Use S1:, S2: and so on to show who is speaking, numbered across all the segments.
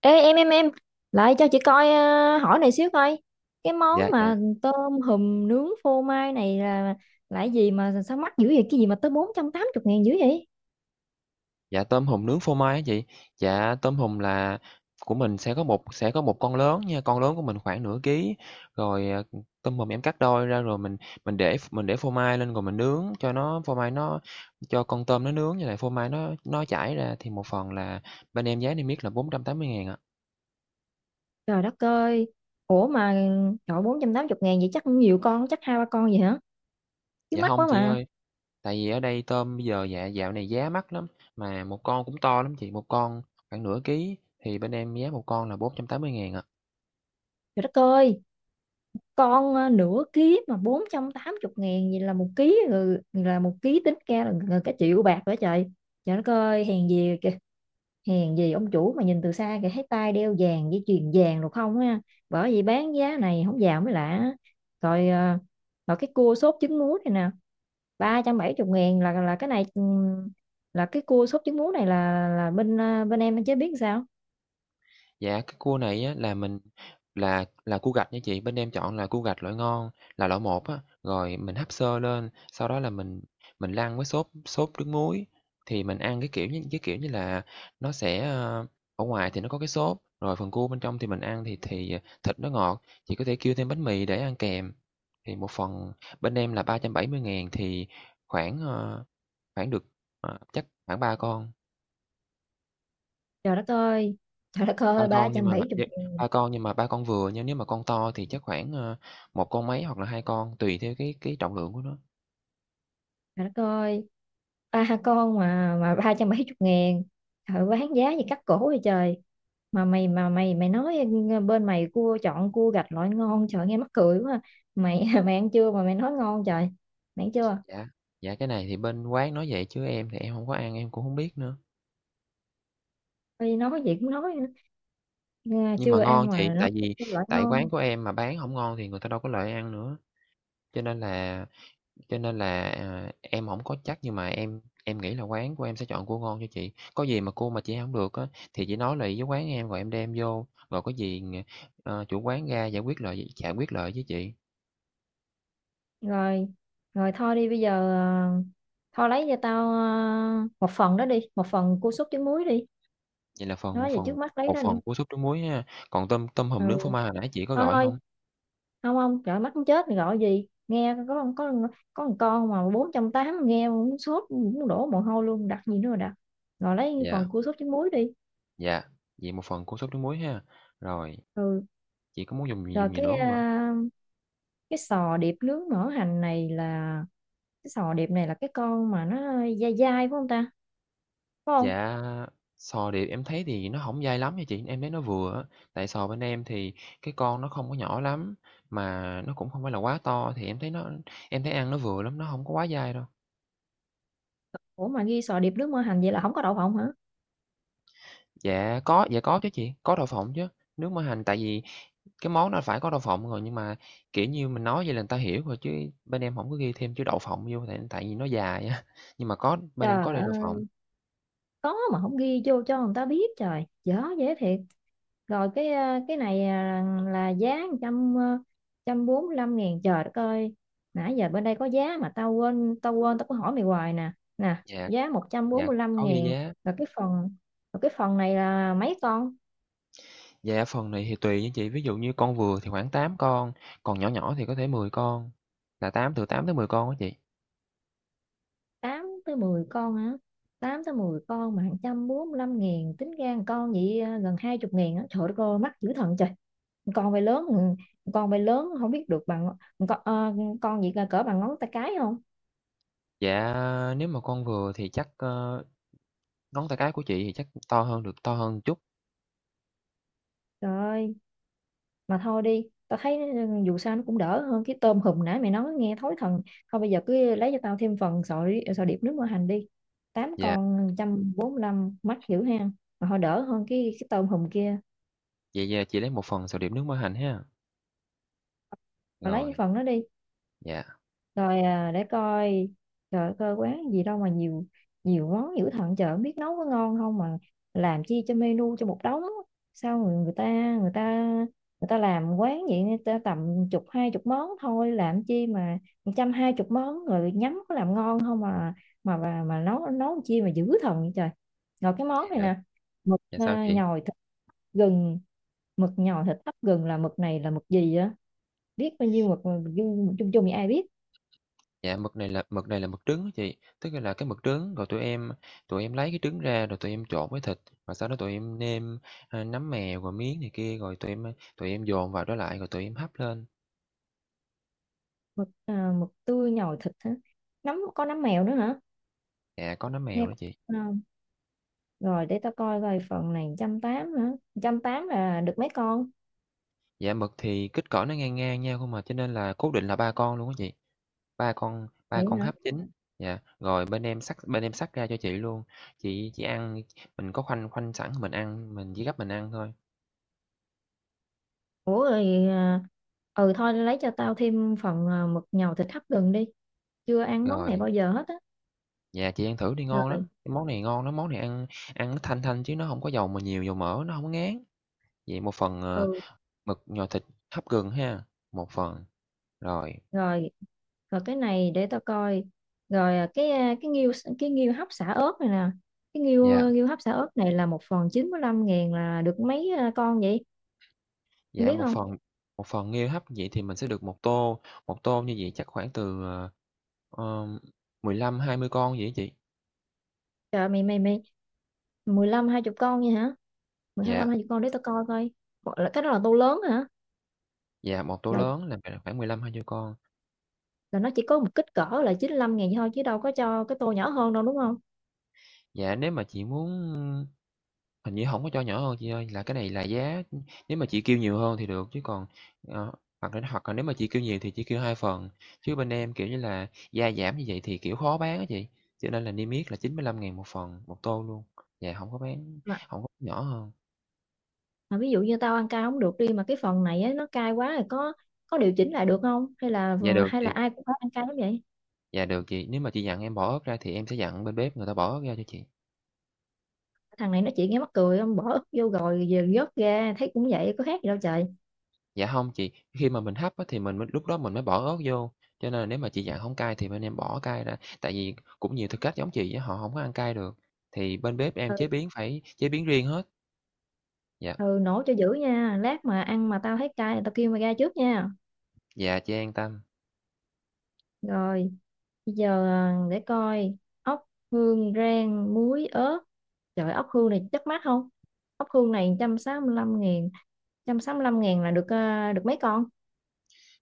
S1: Ê em lại cho chị coi, hỏi này xíu coi cái món
S2: Dạ, dạ,
S1: mà tôm hùm nướng phô mai này là cái gì mà sao mắc dữ vậy? Cái gì mà tới 480 ngàn dữ vậy?
S2: dạ, tôm hùm nướng phô mai á chị. Dạ, tôm hùm là của mình sẽ có một con lớn nha, con lớn của mình khoảng nửa ký, rồi, tôm hùm em cắt đôi ra rồi mình để phô mai lên rồi mình nướng cho nó phô mai nó cho con tôm nó nướng như lại phô mai nó chảy ra thì một phần là bên em giá niêm yết là 480.000 ạ.
S1: Trời đất ơi! Ủa mà trời, 480 ngàn vậy chắc cũng nhiều con, chắc hai ba con vậy hả? Chứ
S2: Dạ
S1: mắc
S2: không
S1: quá
S2: chị
S1: mà.
S2: ơi, tại vì ở đây tôm bây giờ dạo này giá mắc lắm, mà một con cũng to lắm chị, một con khoảng nửa ký thì bên em giá một con là 480.000 ạ.
S1: Trời đất ơi, con nửa ký mà 480 ngàn vậy là một ký rồi, là một ký tính ra là gần cả triệu bạc nữa trời. Trời đất ơi, hèn gì kìa, hèn gì ông chủ mà nhìn từ xa kìa thấy tay đeo vàng với chuyền vàng được không ha. Bởi vì bán giá này không vào mới lạ. rồi ờ, rồi cái cua sốt trứng muối này nè, 370 ngàn, là cái này là cái cua sốt trứng muối này là bên bên em chế biến sao?
S2: Dạ, cái cua này á là mình là cua gạch nha chị, bên em chọn là cua gạch loại ngon, là loại một á, rồi mình hấp sơ lên, sau đó là mình lăn với sốt sốt nước muối, thì mình ăn cái kiểu như là nó sẽ, ở ngoài thì nó có cái sốt, rồi phần cua bên trong thì mình ăn thì thịt nó ngọt, chị có thể kêu thêm bánh mì để ăn kèm. Thì một phần bên em là 370.000 thì khoảng, khoảng được, chắc khoảng 3 con.
S1: Trời đất ơi! Trời đất
S2: Ba
S1: ơi, ba
S2: con nhưng
S1: trăm
S2: mà
S1: bảy
S2: vậy
S1: ngàn!
S2: ba con nhưng mà ba con vừa nha, nếu mà con to thì chắc khoảng, 1 con mấy hoặc là 2 con, tùy theo cái trọng lượng của nó.
S1: Trời đất ơi, ba con mà ba trăm bảy chục ngàn, trời bán giá gì cắt cổ vậy trời. Mà mày, mà mày mày nói bên mày cua chọn cua gạch loại ngon, trời nghe mắc cười quá. Mày mày ăn chưa mà mày nói ngon trời? Mày ăn chưa?
S2: Dạ, dạ, cái này thì bên quán nói vậy chứ em thì em hông có ăn, em cũng hông biết nữa.
S1: Ôi, nói gì cũng nói nữa. Nghe
S2: Nhưng mà
S1: chưa
S2: ngon
S1: ăn
S2: chị,
S1: mà nói
S2: tại
S1: cái
S2: vì
S1: cua loại
S2: tại
S1: ngon.
S2: quán của em mà bán hổng ngon thì người ta đâu có lại ăn nữa, cho nên là, em hổng có chắc nhưng mà em nghĩ là quán của em sẽ chọn cua ngon cho chị. Có gì mà cua mà chị ăn hông được á, thì chị nói lại với quán em rồi em đem vô, rồi có gì, chủ quán ra giải quyết lại với chị.
S1: Rồi, rồi thôi đi, bây giờ thôi lấy cho tao, một phần đó đi, một phần cua súp trứng muối đi.
S2: Vậy là phần một
S1: Nói về trước
S2: phần
S1: mắt lấy
S2: một
S1: đó đi.
S2: phần cua súp trứng muối ha, còn tôm tôm
S1: Ừ,
S2: hùm nướng phô mai hồi nãy chị có
S1: thôi
S2: gọi
S1: thôi
S2: hông?
S1: không không, trời mắt muốn chết, gọi gì nghe có con, có con con mà bốn trăm tám, nghe muốn sốt muốn đổ mồ hôi luôn, đặt gì nữa mà đặt. Rồi lấy
S2: Dạ,
S1: phần cua sốt trứng muối đi.
S2: dạ, vậy một phần cua súp trứng muối ha. Rồi,
S1: Ừ,
S2: chị có muốn dùng gì
S1: rồi
S2: dùng gì
S1: cái,
S2: nữa hông ạ?
S1: cái sò điệp nướng mỡ hành này là cái sò điệp này là cái con mà nó dai dai phải không ta? Phải không?
S2: Dạ, sò điệp em thấy thì nó hổng dai lắm nha chị, em thấy nó vừa á, tại sò bên em thì cái con nó không có nhỏ lắm, mà nó cũng không phải là quá to thì em thấy nó em thấy ăn nó vừa lắm, nó hông có quá dai đâu.
S1: Ủa mà ghi sò điệp nướng mỡ hành vậy là không có đậu phộng hả?
S2: Dạ có chứ chị, có đậu phộng chứ, nước mỡ hành tại vì cái món nó phải có đậu phộng rồi, nhưng mà, kiểu như, mình nói vậy là người ta hiểu rồi chứ bên em hổng có ghi thêm chữ đậu phộng vô tại tại vì nó dài á, nhưng mà bên em có
S1: Trời
S2: đầy đậu
S1: ơi,
S2: phộng.
S1: có mà không ghi vô cho người ta biết, trời dở dễ thiệt. Rồi cái cái này à, là giá trăm, trăm bốn mươi lăm ngàn. Trời đất ơi, nãy giờ bên đây có giá mà tao quên, tao có hỏi mày hoài nè, nè,
S2: Dạ,
S1: giá một trăm bốn
S2: dạ,
S1: mươi lăm
S2: có ghi
S1: ngàn.
S2: giá.
S1: rồi cái phần rồi cái phần này là mấy con?
S2: Dạ, phần này thì tùy nha chị, ví dụ như con vừa thì khoảng 8 con, còn nhỏ nhỏ thì có thể 10 con, là 8 từ tám tới 10 con á chị.
S1: Tám tới mười con hả? Tám tới mười con mà một trăm bốn mươi lăm ngàn, tính ra một con vậy gần hai chục ngàn á, trời đất ơi mắc dữ thần trời. Con bay lớn, ừ, con bay lớn không biết được bằng con, con gì cỡ bằng ngón tay cái không?
S2: Dạ, nếu mà con vừa thì chắc, ngón tay cái của chị thì chắc to hơn chút.
S1: Trời ơi, mà thôi đi, tao thấy dù sao nó cũng đỡ hơn cái tôm hùm nãy mày nói nghe thối thần. Thôi bây giờ cứ lấy cho tao thêm phần sợi sợi điệp nước mỡ hành đi, tám
S2: Dạ,
S1: con một trăm bốn mươi lăm mắt hiểu ha. Mà thôi đỡ hơn cái tôm hùm kia.
S2: vậy, chị lấy một phần sầu điểm nước mỡ hành ha.
S1: Mà lấy cái
S2: Rồi,
S1: phần đó đi.
S2: dạ,
S1: Rồi à, để coi. Trời ơi, coi quán gì đâu mà nhiều, nhiều món dữ thần chợ biết nấu có ngon không mà làm chi cho menu cho một đống. Sao người, người ta người ta làm quán vậy, người ta tầm chục hai chục món thôi, làm chi mà trăm hai chục món rồi nhắm có làm ngon không mà mà nấu nấu chi mà dữ thần vậy trời. Rồi cái món này
S2: dạ,
S1: nè, mực
S2: dạ sao chị?
S1: nhồi thịt gừng, mực nhồi thịt hấp gừng là mực này là mực gì á? Biết bao nhiêu mực mà chung chung chung thì ai biết.
S2: Dạ, mực này là mực trứng á chị, tức là cái mực trứng rồi tụi em lấy cái trứng ra rồi tụi em trộn với thịt, và sau đó tụi em nêm, nấm mèo rồi miếng này kia, rồi tụi em dồn vào đó lại rồi tụi em hấp lên.
S1: Mực à, mực tươi nhồi thịt hả? Nấm có nấm mèo nữa hả?
S2: Dạ, có nấm
S1: Nghe
S2: mèo đó
S1: cũng
S2: chị.
S1: ngon. Rồi để tao coi coi phần này trăm tám hả? Trăm tám là được mấy con?
S2: Dạ, mực thì kích cỡ nó ngang ngang nhau không à, cho nên là cố định là 3 con luôn á chị, ba con ba
S1: Vậy
S2: con
S1: hả?
S2: hấp chín. Dạ, rồi bên em xắt ra cho chị luôn, chị ăn mình có khoanh khoanh sẵn mình ăn, mình chỉ gấp mình ăn thôi.
S1: Ủa rồi à, ừ thôi lấy cho tao thêm phần, mực nhồi thịt hấp gừng đi, chưa ăn món này bao
S2: Rồi.
S1: giờ hết á.
S2: Dạ, chị ăn thử đi, ngon
S1: Rồi.
S2: lắm, cái món này ngon lắm, món này ăn ăn nó thanh thanh chứ nó không có dầu mà nhiều dầu mỡ, nó không có ngán. Vậy một phần,
S1: Ừ.
S2: mực nhồi thịt hấp gừng ha, một phần, rồi,
S1: Rồi, rồi cái này để tao coi. Rồi à, cái, cái nghêu, cái nghêu hấp xả ớt này nè, cái
S2: dạ,
S1: nghêu nghêu hấp xả ớt này là một phần 95 ngàn là được mấy con vậy em
S2: dạ,
S1: biết
S2: một
S1: không?
S2: phần một phần nghêu hấp vậy thì mình sẽ được một tô như vậy chắc khoảng từ, ờ, 15-20 con vậy á chị?
S1: Trời mày mày mày mười lăm hai chục con vậy hả? Mười hai
S2: Dạ,
S1: lăm hai chục con để tao coi coi. Bộ- là cái đó là tô lớn hả?
S2: dạ, một tô
S1: Là
S2: lớn là khoảng 15-20 con.
S1: là nó chỉ có một kích cỡ là 95 ngàn thôi chứ đâu có cho cái tô nhỏ hơn đâu đúng không?
S2: Dạ, nếu mà chị muốn hình như không có cho nhỏ hơn chị ơi, là cái này là giá nếu mà chị kêu nhiều hơn thì được, chứ còn, ờ, hoặc là nếu mà chị kêu nhiều thì chị kêu 2 phần, chứ bên em, kiểu như là, gia giảm như vậy thì, kiểu, khó bán á chị, cho nên là niêm yết là 95.000 một phần, một tô luôn. Dạ,
S1: Mà,
S2: không có nhỏ hơn.
S1: mà ví dụ như tao ăn cay không được đi mà cái phần này á, nó cay quá rồi có điều chỉnh lại được không?
S2: Dạ, được
S1: Hay
S2: chị,
S1: là ai cũng phải ăn cay lắm vậy?
S2: dạ, được chị, nếu mà chị dặn em bỏ ớt ra thì em sẽ dặn bên bếp người ta bỏ ớt ra cho chị.
S1: Thằng này nó chỉ nghe mắc cười, không bỏ ức vô rồi giờ vớt ra thấy cũng vậy có khác gì đâu trời.
S2: Dạ không chị, khi mà mình hấp á thì mình mới lúc đó mình mới bỏ ớt vô, cho nên là nếu mà chị dặn không cay thì bên em bỏ cay ra, tại vì cũng nhiều thực khách giống chị á, họ không có ăn cay được, thì bên bếp
S1: Ừ,
S2: em chế biến phải chế biến riêng hết. Dạ,
S1: ừ, nổ cho dữ nha. Lát mà ăn mà tao thấy cay là tao kêu mày ra trước nha.
S2: dạ, chị an tâm.
S1: Rồi. Bây giờ à, để coi, ốc hương rang muối ớt, trời ốc hương này chắc mắc không? Ốc hương này 165 ngàn, 165 ngàn là được được mấy con?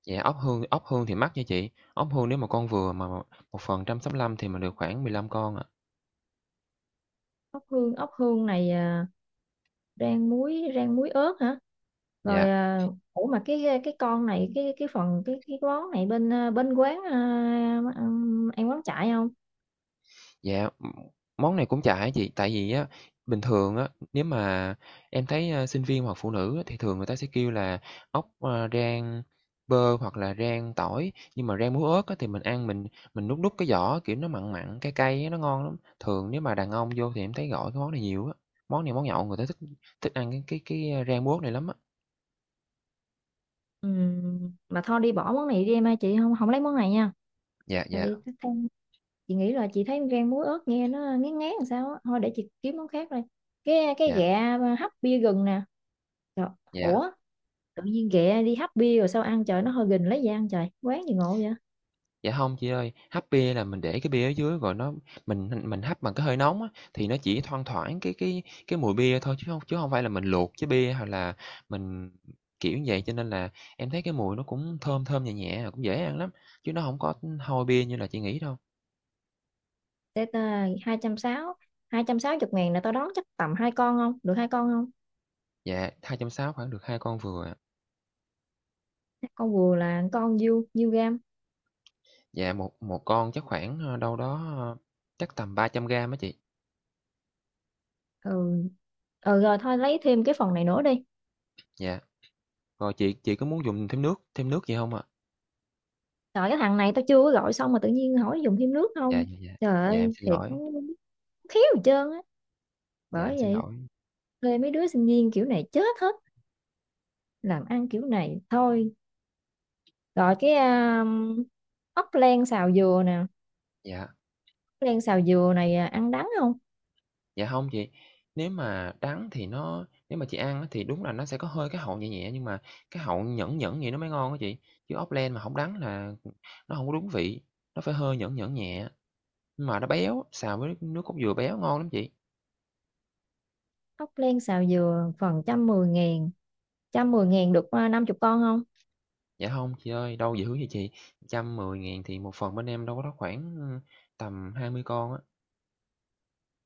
S2: Dạ, ốc hương thì mắc nha chị, ốc hương nếu mà con vừa mà một phần 165.000 thì mình được khoảng 15 con ạ.
S1: Ốc hương này à, rang muối, rang muối ớt hả? Rồi
S2: Dạ.
S1: à, ủa mà cái con này cái phần cái món này bên bên quán à, ăn ăn quán chạy không?
S2: Dạ, món này cũng chả ấy chị, tại vì á, bình thường á, nếu mà em thấy, sinh viên hoặc phụ nữ á, thì thường người ta sẽ kêu là ốc, rang bơ hoặc là rang tỏi, nhưng mà rang muối ớt á, thì mình ăn mình nuốt nuốt cái vỏ, kiểu, nó mặn mặn, cay cay á, nó ngon lắm. Thường nếu mà đàn ông vô thì em thấy gọi cái món này nhiều á, món này món nhậu người ta thích thích ăn rang muối ớt này lắm á.
S1: Mà thôi đi bỏ món này đi em ơi, chị không không lấy món này nha.
S2: Dạ,
S1: Thôi
S2: dạ,
S1: đi thích ăn, chị nghĩ là chị thấy rang muối ớt nghe nó ngán ngán làm sao á, thôi để chị kiếm món khác đây. Cái
S2: dạ,
S1: ghẹ à, hấp bia gừng nè. Trời,
S2: dạ.
S1: ủa, tự nhiên ghẹ đi hấp bia rồi sao ăn trời, nó hơi gừng lấy gì ăn trời, quán gì ngộ vậy?
S2: Dạ không chị ơi, hấp bia là mình để cái bia ở dưới rồi nó mình hấp bằng cái hơi nóng á, thì nó chỉ thoang thoảng cái mùi bia thôi chứ không phải là mình luộc chế bia hoặc là mình kiểu như vậy. Cho nên là em thấy cái mùi nó cũng thơm thơm, nhẹ nhẹ, cũng dễ ăn lắm, chứ nó không có hôi bia như là chị nghĩ đâu.
S1: Để ta hai trăm sáu, hai trăm sáu chục ngàn là tao đón chắc tầm hai con, không được hai con không?
S2: Dạ, 260.000 khoảng được 2 con vừa à.
S1: Hai con vừa là con nhiêu nhiêu gam?
S2: Dạ, một một con chắc khoảng, đâu đó, chắc tầm 300 gam á chị.
S1: Ừ, ừ rồi thôi lấy thêm cái phần này nữa đi.
S2: Dạ, rồi chị có muốn dùng thêm nước gì không ạ?
S1: Trời cái thằng này, tao chưa có gọi xong mà tự nhiên hỏi dùng thêm nước
S2: Dạ,
S1: không.
S2: dạ, dạ.
S1: Trời
S2: Dạ,
S1: ơi
S2: em xin
S1: thiệt nó,
S2: lỗi,
S1: khéo gì trơn á,
S2: dạ, em
S1: bởi
S2: xin
S1: vậy
S2: lỗi.
S1: thuê mấy đứa sinh viên kiểu này chết hết, làm ăn kiểu này thôi. Rồi cái ốc len xào dừa nè, ốc
S2: Dạ.
S1: len xào dừa này à, ăn đắng không?
S2: Dạ không chị, nếu mà chị ăn á thì đúng là nó sẽ có hơi cái hậu nhẹ nhẹ, nhưng mà cái hậu nhẫn nhẫn vậy nó mới ngon á chị, chứ ốc len mà không đắng là, nó không có đúng vị, nó phải hơi nhẫn nhẫn nhẹ, nhưng mà nó béo, xào với nước cốt dừa béo ngon lắm chị.
S1: Ốc len xào dừa phần trăm mười ngàn, trăm mười ngàn được năm chục con không?
S2: Dạ không chị ơi, đâu dữ vậy chị, trăm mười 000 thì một phần bên em đâu có đó khoảng, tầm 20 con á.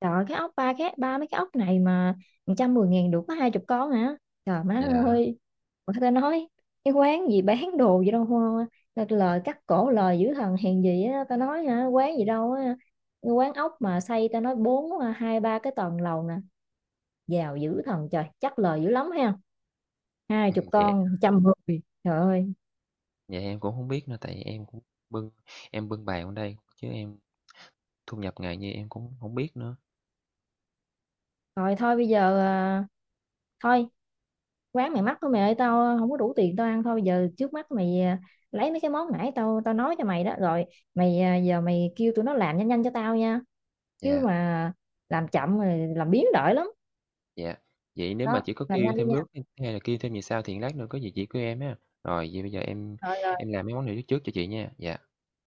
S1: Trời ơi, cái ốc ba, cái ba mấy cái ốc này mà trăm mười ngàn được có hai chục con hả? Trời má
S2: Dạ,
S1: ơi, người ta nói cái quán gì bán đồ gì đâu hoa. Thật lời cắt cổ lời dữ thần, hèn gì á ta nói hả, quán gì đâu á, quán ốc mà xây ta nói bốn, hai ba cái tầng lầu nè, giàu dữ thần trời chắc lời dữ lắm ha. Hai chục
S2: dạ,
S1: con trăm người trời ơi.
S2: dạ em cũng không biết nữa, tại em cũng bưng em bưng bàn ở đây, chứ em thu nhập ngày như em cũng không biết nữa.
S1: Rồi thôi bây giờ à, thôi quán mày mắc thôi mày ơi, tao không có đủ tiền tao ăn, thôi bây giờ trước mắt mày à, lấy mấy cái món nãy tao tao nói cho mày đó rồi, mày à, giờ mày kêu tụi nó làm nhanh nhanh cho tao nha. Chứ
S2: Dạ.
S1: mà làm chậm rồi làm biến đổi lắm.
S2: Dạ, vậy nếu mà
S1: Đó
S2: chỉ có
S1: làm
S2: kêu
S1: nhanh đi
S2: thêm
S1: nha.
S2: nước, hay là kêu thêm gì sao thì lát nữa có gì chỉ của em ha. Rồi vậy bây giờ em
S1: Rồi.
S2: em làm mấy món này trước trước cho chị nha. Dạ.